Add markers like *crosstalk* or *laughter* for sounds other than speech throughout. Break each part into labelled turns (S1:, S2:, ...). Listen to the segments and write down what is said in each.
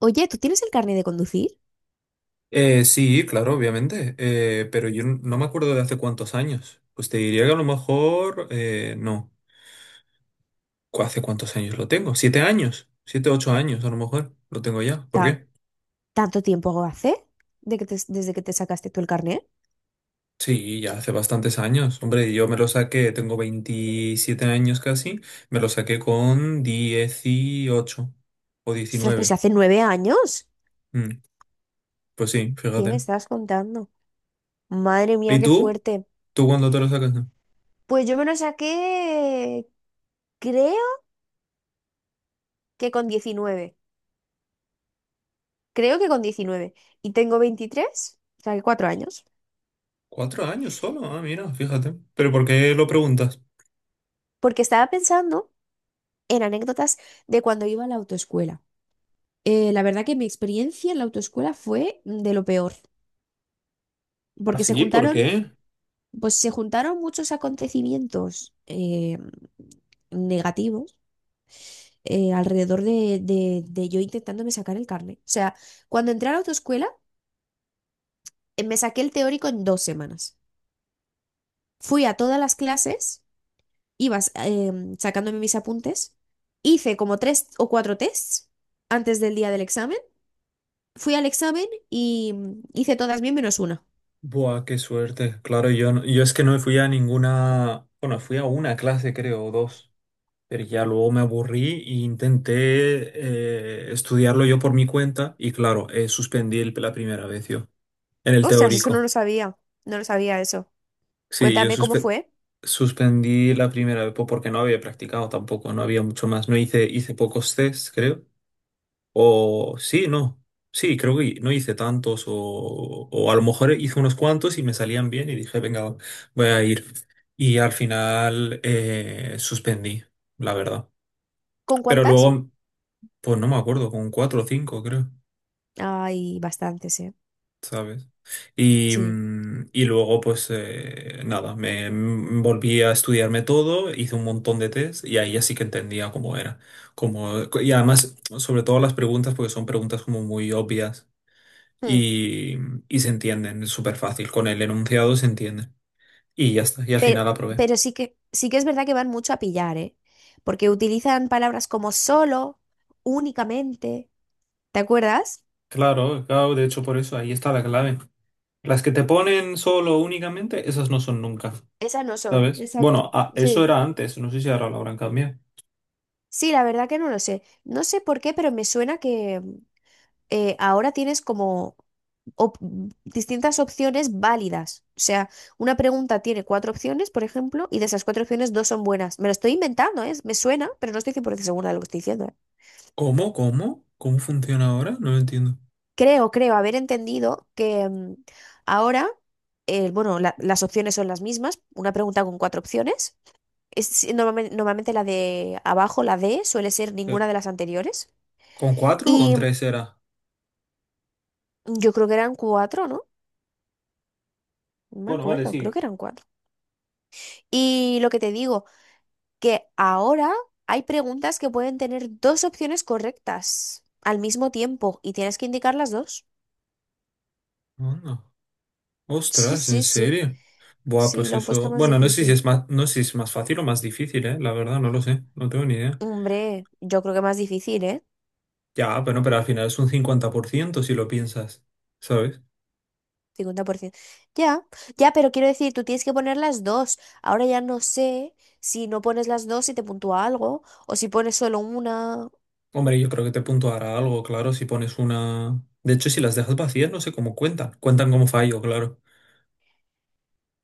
S1: Oye, ¿tú tienes el carnet de conducir?
S2: Sí, claro, obviamente, pero yo no me acuerdo de hace cuántos años. Pues te diría que a lo mejor, no. ¿Hace cuántos años lo tengo? 7 años, 7, 8 años a lo mejor lo tengo ya. ¿Por
S1: Ta-
S2: qué?
S1: ¿Tanto tiempo hace de desde que te sacaste tú el carnet?
S2: Sí, ya hace bastantes años. Hombre, yo me lo saqué, tengo 27 años casi, me lo saqué con dieciocho o
S1: Ostras, pero si
S2: diecinueve.
S1: hace 9 años.
S2: Mm, pues sí,
S1: ¿Qué me
S2: fíjate.
S1: estás contando? Madre mía,
S2: ¿Y
S1: qué
S2: tú?
S1: fuerte.
S2: ¿Tú cuándo te lo sacas?
S1: Pues yo me lo saqué, creo que con 19. Creo que con 19. Y tengo 23, o sea que 4 años.
S2: 4 años solo, ah, mira, fíjate. ¿Pero por qué lo preguntas?
S1: Porque estaba pensando en anécdotas de cuando iba a la autoescuela. La verdad que mi experiencia en la autoescuela fue de lo peor.
S2: ¿Ah,
S1: Porque se
S2: sí? ¿Por
S1: juntaron
S2: qué?
S1: Pues se juntaron muchos acontecimientos negativos alrededor de yo intentándome sacar el carnet. O sea, cuando entré a la autoescuela, me saqué el teórico en 2 semanas. Fui a todas las clases, iba eh, sacándome mis apuntes, hice como tres o cuatro tests antes del día del examen, fui al examen y hice todas bien menos una.
S2: Buah, qué suerte. Claro, yo, yo es que no fui a ninguna, bueno, fui a una clase, creo, o dos, pero ya luego me aburrí e intenté estudiarlo yo por mi cuenta y claro, suspendí la primera vez yo, en el
S1: Ostras, eso no
S2: teórico.
S1: lo sabía, no lo sabía eso.
S2: Sí, yo
S1: Cuéntame cómo fue,
S2: suspendí la primera vez porque no había practicado tampoco, no había mucho más, no hice, hice pocos tests, creo. O sí, no. Sí, creo que no hice tantos o a lo mejor hice unos cuantos y me salían bien y dije, venga, voy a ir. Y al final, suspendí, la verdad.
S1: con
S2: Pero
S1: cuántas.
S2: luego, pues no me acuerdo, con cuatro o cinco creo,
S1: Hay bastantes, ¿eh?
S2: ¿sabes? Y,
S1: Sí.
S2: mm, y luego, pues nada, me volví a estudiarme todo, hice un montón de test y ahí ya sí que entendía cómo era. Como, y además, sobre todo las preguntas, porque son preguntas como muy obvias.
S1: Mm.
S2: y, y se entienden, es súper fácil. Con el enunciado se entienden. Y ya está, y al
S1: Pero,
S2: final aprobé.
S1: pero sí que es verdad que van mucho a pillar, ¿eh? Porque utilizan palabras como solo, únicamente. ¿Te acuerdas?
S2: Claro, claro, de hecho por eso, ahí está la clave. Las que te ponen solo únicamente, esas no son nunca,
S1: Esas no son.
S2: ¿sabes?
S1: Exacto.
S2: Bueno, ah, eso
S1: Sí.
S2: era antes, no sé si ahora lo habrán cambiado.
S1: Sí, la verdad que no lo sé. No sé por qué, pero me suena que ahora tienes como op- distintas opciones válidas. O sea, una pregunta tiene cuatro opciones, por ejemplo, y de esas cuatro opciones dos son buenas. Me lo estoy inventando, ¿eh? Me suena, pero no estoy 100% segura de lo que estoy diciendo, ¿eh?
S2: ¿Cómo? ¿Cómo? ¿Cómo funciona ahora? No lo entiendo.
S1: Creo haber entendido que ahora, bueno, las opciones son las mismas, una pregunta con cuatro opciones. Es, normalmente, la de abajo, la D, suele ser
S2: Eh,
S1: ninguna de las anteriores.
S2: ¿Con cuatro o con
S1: Y
S2: tres era?
S1: yo creo que eran cuatro, ¿no? No me
S2: Bueno, vale,
S1: acuerdo, creo
S2: sí.
S1: que eran cuatro. Y lo que te digo, que ahora hay preguntas que pueden tener dos opciones correctas al mismo tiempo y tienes que indicar las dos.
S2: Anda.
S1: Sí,
S2: Ostras, ¿en
S1: sí, sí.
S2: serio? Buah,
S1: Sí,
S2: pues
S1: lo han puesto
S2: eso.
S1: más
S2: Bueno, no sé si
S1: difícil.
S2: es más, no sé si es más fácil o más difícil, ¿eh? La verdad, no lo sé. No tengo ni idea.
S1: Hombre, yo creo que más difícil, ¿eh?
S2: Ya, bueno, pero al final es un 50% si lo piensas, ¿sabes?
S1: 50%. Ya, ya, pero quiero decir, tú tienes que poner las dos. Ahora ya no sé si no pones las dos y te puntúa algo, o si pones solo una.
S2: Hombre, yo creo que te puntuará algo, claro, si pones una... De hecho, si las dejas vacías, no sé cómo cuentan. Cuentan como fallo, claro.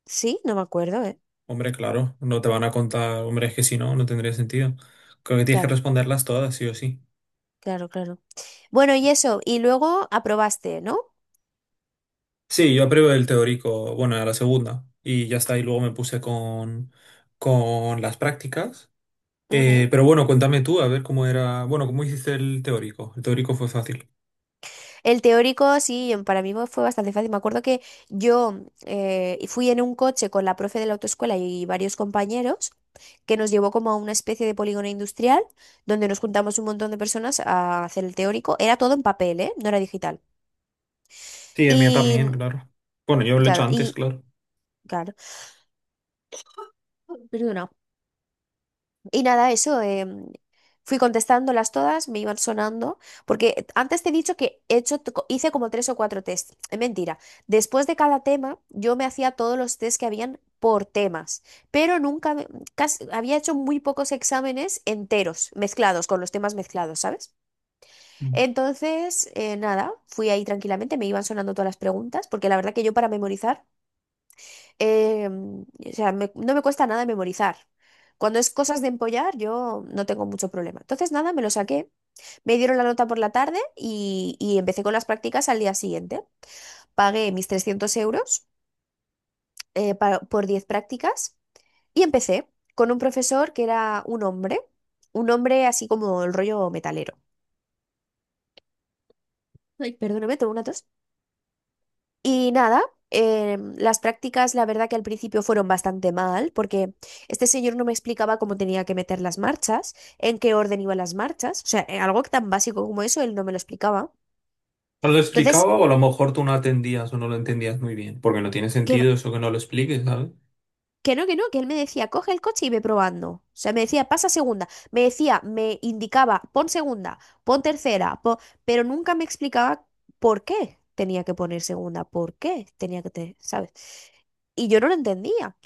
S1: Sí, no me acuerdo, ¿eh?
S2: Hombre, claro, no te van a contar, hombre, es que si no, no tendría sentido. Creo que tienes que
S1: Claro,
S2: responderlas todas, sí o sí.
S1: claro, claro. Bueno, y eso, y luego aprobaste, ¿no?
S2: Sí, yo apruebo el teórico, bueno, a la segunda, y ya está, y luego me puse con las prácticas. Eh,
S1: Ujú.
S2: pero bueno, cuéntame tú, a ver cómo era, bueno, cómo hiciste el teórico. El teórico fue fácil.
S1: El teórico, sí, para mí fue bastante fácil. Me acuerdo que yo fui en un coche con la profe de la autoescuela y varios compañeros, que nos llevó como a una especie de polígono industrial donde nos juntamos un montón de personas a hacer el teórico. Era todo en papel, ¿eh? No era digital.
S2: Sí, el mío también,
S1: Y
S2: claro. Bueno, yo lo he hecho
S1: claro,
S2: antes,
S1: y
S2: claro.
S1: claro, perdona. Y nada, eso, fui contestándolas todas, me iban sonando, porque antes te he dicho que he hice como tres o cuatro test. Es mentira. Después de cada tema, yo me hacía todos los test que habían por temas, pero nunca, había hecho muy pocos exámenes enteros, mezclados, con los temas mezclados, ¿sabes?
S2: Mm.
S1: Entonces, nada, fui ahí tranquilamente, me iban sonando todas las preguntas, porque la verdad que yo para memorizar, o sea, no me cuesta nada memorizar. Cuando es cosas de empollar, yo no tengo mucho problema. Entonces, nada, me lo saqué, me dieron la nota por la tarde y empecé con las prácticas al día siguiente. Pagué mis 300 euros por 10 prácticas y empecé con un profesor que era un hombre así como el rollo metalero. Ay, perdóname, tengo una tos. Y nada, las prácticas, la verdad que al principio fueron bastante mal, porque este señor no me explicaba cómo tenía que meter las marchas, en qué orden iban las marchas, o sea, algo tan básico como eso, él no me lo explicaba.
S2: No lo
S1: Entonces,
S2: explicaba o a lo mejor tú no atendías o no lo entendías muy bien, porque no tiene
S1: que,
S2: sentido eso que no lo expliques, ¿sabes?
S1: que no, que no, que él me decía, coge el coche y ve probando. O sea, me decía, pasa segunda, me decía, me indicaba, pon segunda, pon pero nunca me explicaba por qué tenía que poner segunda, por qué tenía ¿sabes? Y yo no lo entendía,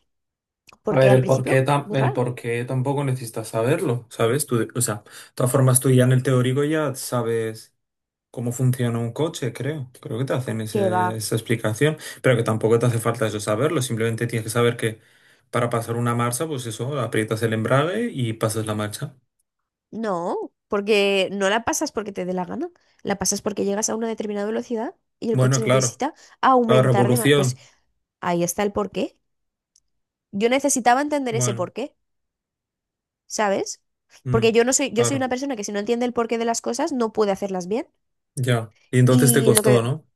S2: A
S1: porque
S2: ver,
S1: al principio, muy
S2: el
S1: raro.
S2: por qué tampoco necesitas saberlo, ¿sabes? Tú, o sea, de todas formas tú ya en el teórico ya sabes cómo funciona un coche, creo. Creo que te hacen
S1: ¿Qué va?
S2: esa explicación, pero que tampoco te hace falta eso saberlo, simplemente tienes que saber que para pasar una marcha, pues eso, aprietas el embrague y pasas la marcha.
S1: No, porque no la pasas porque te dé la gana, la pasas porque llegas a una determinada velocidad y el
S2: Bueno,
S1: coche
S2: claro.
S1: necesita
S2: La
S1: aumentar pues
S2: revolución.
S1: ahí está el porqué. Yo necesitaba entender ese
S2: Bueno.
S1: porqué, ¿sabes?
S2: Mm,
S1: Porque yo no soy, yo soy
S2: claro,
S1: una persona que si no entiende el porqué de las cosas no puede hacerlas bien.
S2: ya. Y entonces te
S1: Y lo
S2: costó,
S1: que,
S2: ¿no?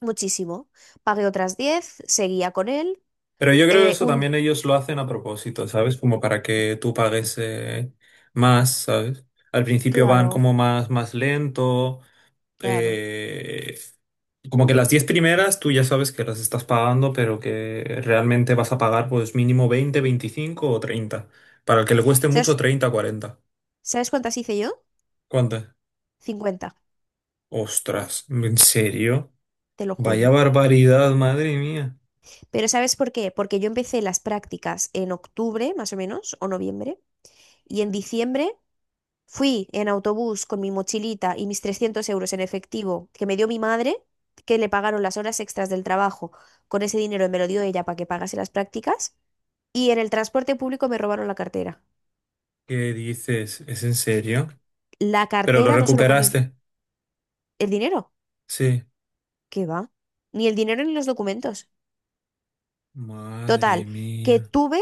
S1: muchísimo. Pagué otras 10, seguía con él.
S2: Pero yo creo que
S1: eh,
S2: eso
S1: un,
S2: también ellos lo hacen a propósito, ¿sabes? Como para que tú pagues más, ¿sabes? Al principio van como
S1: claro,
S2: más, más lento.
S1: claro.
S2: eh, como que las 10 primeras tú ya sabes que las estás pagando, pero que realmente vas a pagar pues mínimo 20, 25 o 30 Para el que le cueste mucho,
S1: ¿Sabes,
S2: 30, 40
S1: sabes cuántas hice yo?
S2: ¿Cuántas?
S1: 50,
S2: Ostras, ¿en serio?
S1: te lo
S2: Vaya
S1: juro.
S2: barbaridad, madre mía.
S1: Pero ¿sabes por qué? Porque yo empecé las prácticas en octubre, más o menos, o noviembre, y en diciembre fui en autobús con mi mochilita y mis 300 euros en efectivo que me dio mi madre, que le pagaron las horas extras del trabajo, con ese dinero me lo dio ella para que pagase las prácticas, y en el transporte público me robaron la cartera.
S2: ¿Qué dices? ¿Es en serio?
S1: La
S2: ¿Pero lo
S1: cartera no solo con
S2: recuperaste?
S1: el dinero,
S2: Sí.
S1: ¿qué va? Ni el dinero ni los documentos. Total,
S2: Madre
S1: que
S2: mía.
S1: tuve,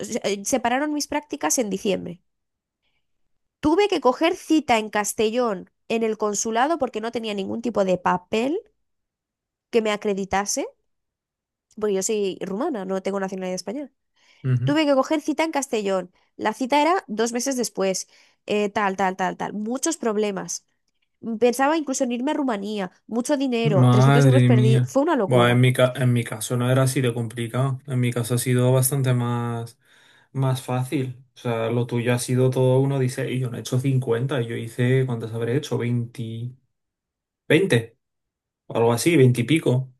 S1: o sea, separaron mis prácticas en diciembre. Tuve que coger cita en Castellón en el consulado porque no tenía ningún tipo de papel que me acreditase, porque yo soy rumana, no tengo nacionalidad española.
S2: Ujú.
S1: Tuve que coger cita en Castellón. La cita era 2 meses después. Tal, tal, tal, tal. Muchos problemas. Pensaba incluso en irme a Rumanía. Mucho dinero. 300 euros
S2: Madre
S1: perdí.
S2: mía.
S1: Fue una
S2: Bueno, en
S1: locura.
S2: en mi caso no era así de complicado. En mi caso ha sido bastante más, más fácil. O sea, lo tuyo ha sido todo uno dice, y yo no he hecho 50, yo hice, ¿cuántas habré hecho? 20, 20, o algo así, 20 y pico.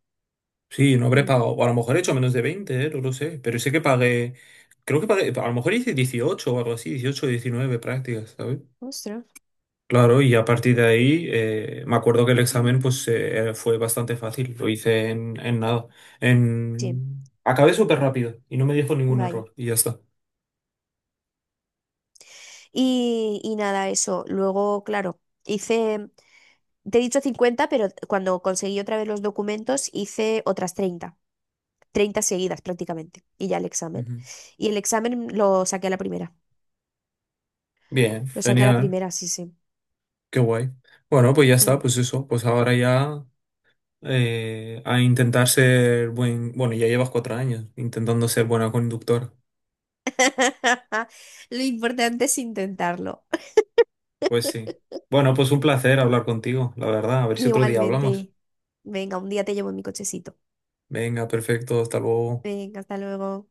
S2: Sí, no habré
S1: Mm.
S2: pagado. O a lo mejor he hecho menos de 20, no lo sé. Pero sé que pagué. Creo que pagué. A lo mejor hice 18 o algo así, 18, o 19 prácticas, ¿sabes?
S1: Ostras.
S2: Claro, y a partir de ahí me acuerdo que el examen pues fue bastante fácil. Lo hice en nada.
S1: Sí,
S2: En... Acabé súper rápido y no me dijo ningún
S1: vaya.
S2: error. Y ya está.
S1: Y nada, eso. Luego, claro, hice... Te he dicho 50, pero cuando conseguí otra vez los documentos hice otras 30, 30 seguidas prácticamente, y ya el examen.
S2: Ujú.
S1: Y el examen lo saqué a la primera,
S2: Bien,
S1: lo saqué a la
S2: genial.
S1: primera, sí, sí.
S2: Qué guay. Bueno, pues ya está,
S1: Mm.
S2: pues eso. Pues ahora ya a intentar ser buen. Bueno, ya llevas 4 años intentando ser buena conductora.
S1: *laughs* Lo importante es intentarlo.
S2: Pues sí. Bueno, pues un placer hablar contigo, la verdad. A ver
S1: *laughs*
S2: si otro día hablamos.
S1: Igualmente. Venga, un día te llevo en mi cochecito.
S2: Venga, perfecto, hasta luego.
S1: Venga, hasta luego.